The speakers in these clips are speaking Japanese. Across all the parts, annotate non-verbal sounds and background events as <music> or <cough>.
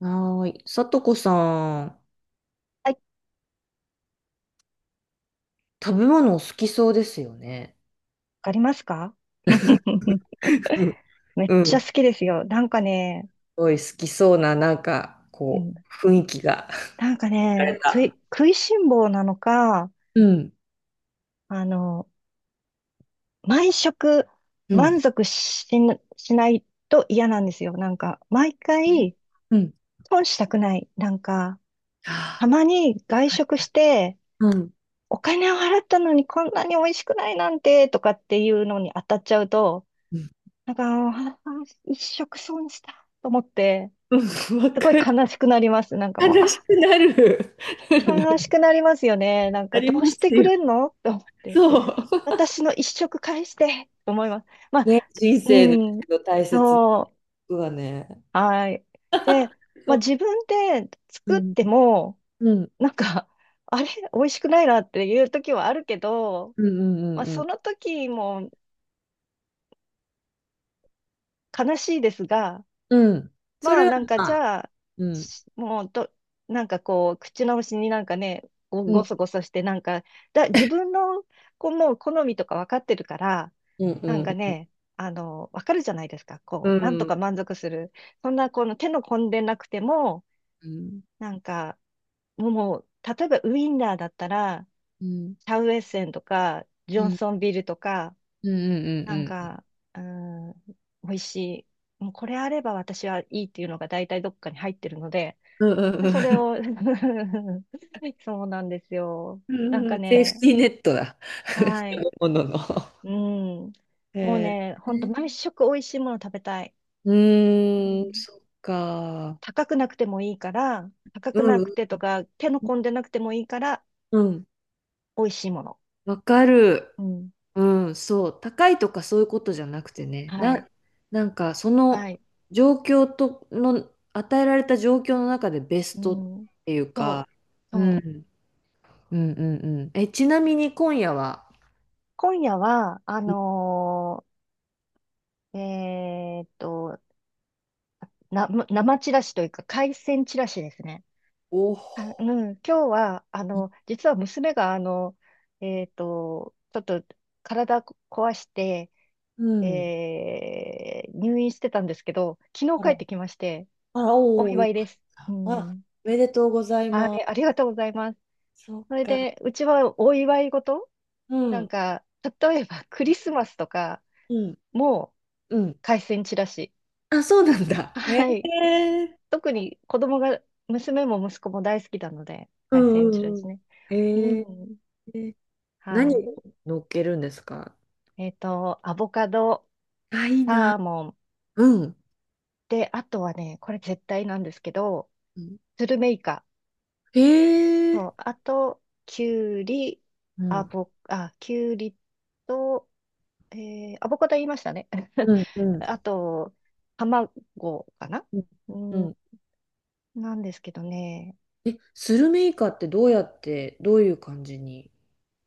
はーい。さとこさん、はい、わ食べ物お好きそうですよね。かりますか？ <laughs> <laughs> めっうんうちん。ゃす好きですよ。なんかね、ごい好きそうな、なんか、うん、こう、雰囲気が。なんか <laughs> られね、た。食いしん坊なのか、うん。あの、毎食うん。満足しないと嫌なんですよ。なんか、毎回うん。損したくない。なんか、はたあまに外食して、うん。お金を払ったのにこんなに美味しくないなんて、とかっていうのに当たっちゃうと、うんなんか、あ一食損したと思って、うんわすごいかる。悲しくなります。なんかもう、悲しくなる。悲し <laughs> くなりますよね。なんなか、りどうましてすくよ。れんのと思って。そう。私の一食返してと思います。まあ、ね、人生うん、の大切なこそう、とはね。はい。で、まそあ、う。自分で作うっん。ても、うん。なんか、あれ、美味しくないなっていう時はあるけど、うんうんまあ、うそんの時も悲しいですが、うん。うん。そまあ、れはなんか、まじあ、ゃあ、うん。しもうど、なんかこう、口直しになんかね、うごんそごそして、なんか、自分の、こう、もう好みとか分かってるから、うんなんかうん。ね、わかるじゃないですか。うこう、なんとん。か満足する。そんな、この手の込んでなくても、うんなんか、もう、例えばウインナーだったら、うん、シャウエッセンとか、ジョうンん、ソンビールとか、うん、なんうん、か、うーん、美味しい。もうこれあれば私はいいっていうのが大体どっかに入ってるので、うん。うんうんそれうを <laughs> そうなんですよ。ん。なんかうんセーフね、ティーネットだ。<laughs> 食はべい。物の。うん。もうえね、ほんとー、毎食美味しいもの食べたい。ううーん、ん。そっか。高くなくてもいいから、高うくなくん、てとか、手の込んでなくてもいいから、うん、美味しいもの。わかる。うん。うん、そう。高いとかそういうことじゃなくてね。はい。なんか、そはのい。状況との、与えられた状況の中でベうストっん。ていうそか、う。うそん、うう。ん、うん、うん。え、ちなみに今夜は、今夜は、ーえーっと、生チラシというか、海鮮チラシですね。お、あ、うん。今日は、実は娘が、ちょっと体壊して、うん。入院してたんですけど、昨日帰ってきまして、あら、おおお、祝よいかでっす。うた。あ、ん。おめでとうございはまい、ありがとうございます。す。そうそれか。で、うちはお祝い事うなんん、か、例えばクリスマスとか、うん、もううん。海鮮チラシ。あ、そうなんだ。へえ。はい。特に子供が、娘も息子も大好きなので、う海鮮チラんうんうシん。ね。うへえ。ん。は何をい。乗っけるんですか？アボカド、あ、いいな。サーモン。うん。で、あとはね、これ絶対なんですけど、うんスルメイカ。へそえ。う、あと、キュウリ、うアん。ボ、あ、キュウリと、アボカド言いましたね。<laughs> うんうあんと、卵かなうん。ううん、ん。なんですけどね。え、スルメイカってどうやって、どういう感じに。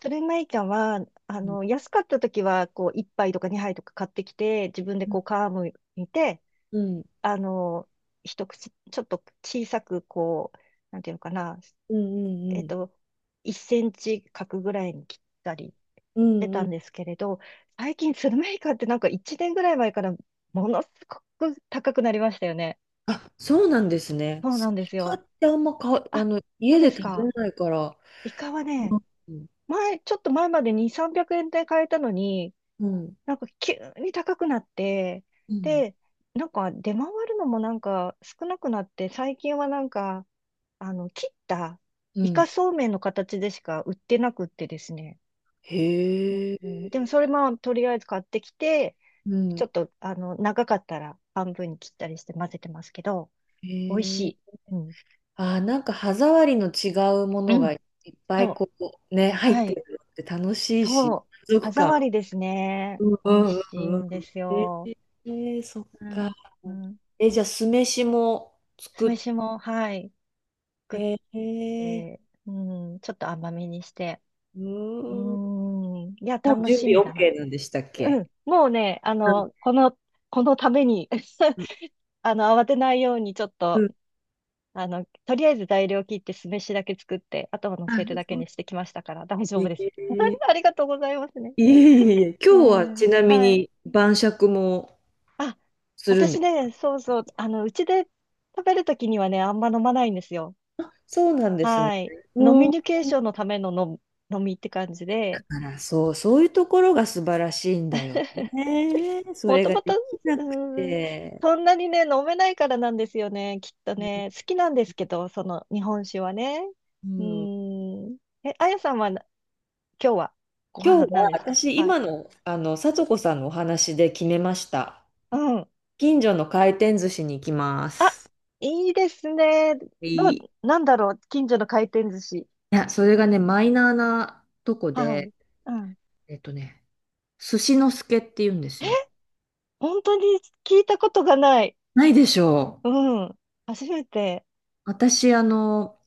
それまいちゃんは、うん安かった時は、こう、1杯とか2杯とか買ってきて、自分でうんこう、皮むいて、うんあの、一口、ちょっと小さく、こう、なんていうのかな、うえんっうんと、1センチ角ぐらいに切ったりしうてんうたんでん、すけれど、最近、スルメイカってなんか1年ぐらい前から、ものすごく高くなりましたよね。あ、そうなんですね。そうスなイんですカよ。ってあんまか、あ、そう家でです食べか。ないから。イカはね、うん。前、ちょっと前までに300円で買えたのに、うん。なんか急に高くなって、うん。で、なんか出回るのもなんか少なくなって、最近はなんか、切ったうイカんそうめんの形でしか売ってなくってですね。へうん、でもそえ。れもとりあえず買ってきて、うちょん。っと、長かったら半分に切ったりして混ぜてますけど、美味しへえ。い。うん。あー、なんか歯触りの違うもうのがいん。っぱそいう。こう、ね、入はってい。るのって楽しいし、そう。満歯足触感。りですね。うん美う味んしういんうんでん。すよ。そっうか。ん。うん。え、じゃあ酢飯も酢作っ、飯も、はい、作っへえ。て、うちょっと甘めにして。ううーん。もん。いや、う楽準し備 みだな。OK なんでしたっうけ？ん。もうね、うこのために ん <laughs> 慌てないようにちょっうと、ん、とりあえず材料切って酢飯だけ作って、あとは乗あ、せるだそけうにしてきましたから、大丈夫えです。ー <laughs> ありがとうございますね。いえいえいえ、う今日はん。ちなみはい。に晩酌もあ、するん私ですね、そうそう、うちで食べるときにはね、あんま飲まないんですよ。か？あ、そうなんですね。はい。飲うみん。あニケーションのための飲み飲みって感じで、ら、そう、そういうところが素晴らしいんだよ <laughs> ね。そもれとがもと、できなくーん、て。そんなにね、飲めないからなんですよね、きっとね。好きなんですけど、その日本酒はね。ううん。ーん。え、あやさんはな、今日はご今飯日なんはですか？私、はい。今の、聡子さんのお話で決めました。うん。近所の回転寿司に行きまあ、す。いいですね。いどい。いう、なんだろう、近所の回転寿司。や、それがね、マイナーなとこはい。で、うん。ね、寿司の助って言うんですよ。本当に聞いたことがない。ないでしょう。うん。初めて。私、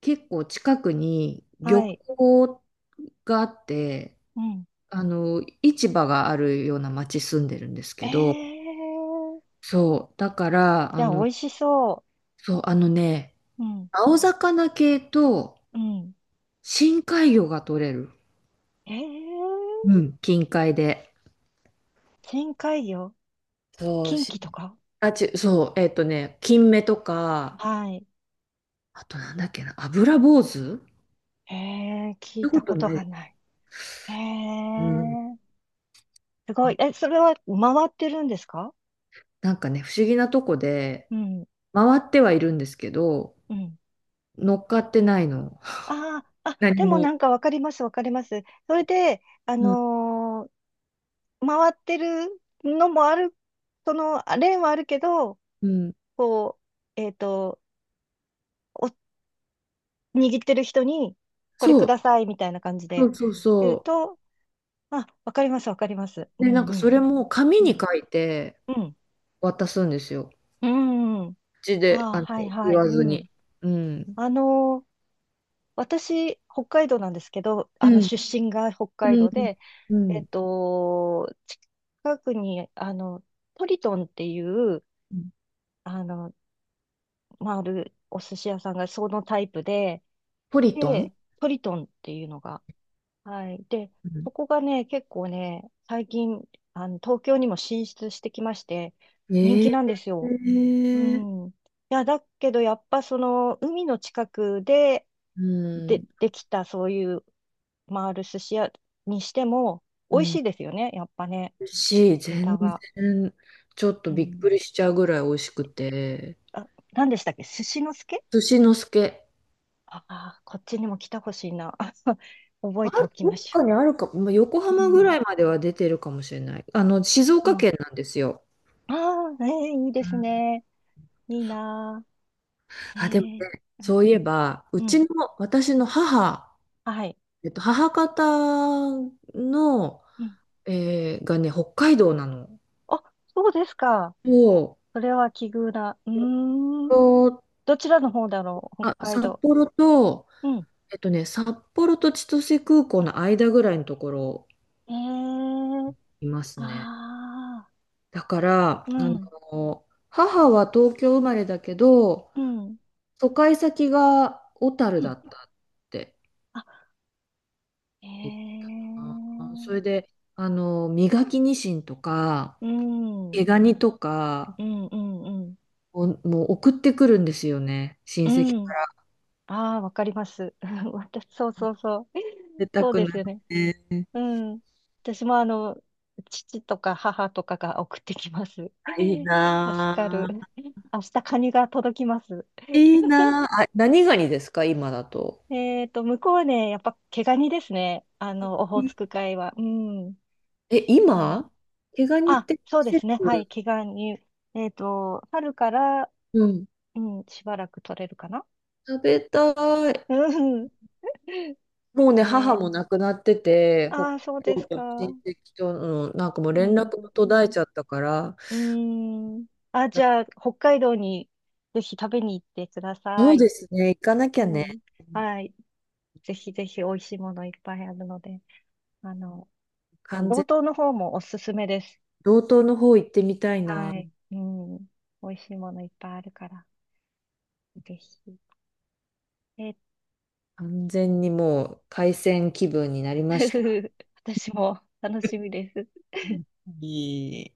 結構近くに漁はい。港があって、うん。市場があるような町住んでるんですえけど、ー。そう、だから、じゃあ、美味しそそう、う。うん。青魚系とうん。深海魚が取れる。えー。うん、近海で。深海魚。そう、近畿とか？あ、そう、ね、金目とか、はい。あとなんだっけな、油坊主っえー、聞いてこたとことながい。ない。えうん。ー。すごい。え、それは回ってるんですか？なんかね、不思議なとこで、うん。回ってはいるんですけど、うん。乗っかってないの。ああ、あ、何でもなも。んかわかります、わかります。それで、うん。回ってるのもある、そのレーンはあるけど、うん。こう、お、握ってる人に、これそくう。ださいみたいな感じそでうそう言うそと、あ、わかります、わかります。うう。で、なんんかうそん。れも紙うにん。書いてうん。渡すんですよ。うんうんうん。口で、ああ、はい言はい。わうずに。ん。うん。あのー私、北海道なんですけど、うん。出身が北海う道ん。で、うえん。っと、近くに、トリトンっていう、うんあの、まあ、あるお寿司屋さんがそのタイプで、ポリトンで、トリトンっていうのが、はい。で、うんそこがね、結構ね、最近、東京にも進出してきまして、人え気なんですえよ。うー。ん。いや、だけど、やっぱその、海の近くで、うん。できた、そういう、回る寿司屋にしても、う美味しん。いですよね、やっぱね、ネタ全が。然、ちょっとうびっん。くりしちゃうぐらい美味しくて。あ、何でしたっけ？寿司の助？寿司のすけ。ああー、こっちにも来たほしいな。<laughs> 覚えあ、ておきどまっしょかにあるか、まあ、横う。う浜ぐん。らいまでは出てるかもしれない。静う岡ん。県なんですよ。ああ、ね、いいでうすん、ね。いいなー。えあ、でもえ、ね、そういえうば、うん、うちん、の、私の母、はい。母方の、うん。がね、北海道なの。あ、そうですか。そそれは奇遇だ。うう。ーん。と、どちらの方だろう、北あ、海札道。幌と、うん。札幌と千歳空港の間ぐらいのところえいますね。え、ああ、だから、うん、母は東京生まれだけど、うん、疎開先が小樽うだん。ったってあ、え言ったな。それえ、で、磨きニシンとか、うん、う毛ん、ガニとかうん、うん。を、もう送ってくるんですよね。親う戚かん。ら。ああ、わかります。<laughs> 私、そうそうそう。出 <laughs> たそうくでなすっよね。て。うん。私も父とか母とかが送ってきます。<laughs> あいい助かる。な明日カニが届きます。ぁいい <laughs> なああ、何ガニですか、今だと？向こうね、やっぱ毛ガニですね。オホーツク海は。うん。え、あの、今毛ガニっあ、て季そうですね。はい、節、毛ガニ。春から、うん、うん、しばらく取れるかな。食べたい。うん。<laughs> もうね、え母ー、も亡くなってて、北ああ、そうです海道の親か。戚との、なんかもうう連絡もん。途絶えちゃったから、うん。あ、じなゃあ、北海道にぜひ食べに行ってくだそさうい。ですね、行かなきゃうね、ん。はい。ぜひぜひ美味しいものいっぱいあるので、あの、道完全、東の方もおすすめです。道東の方行ってみたいな。はい。うん。美味しいものいっぱいあるから、ぜひ。え、完全にもう、海鮮気分になりました。<laughs> 私も楽しみです。いい。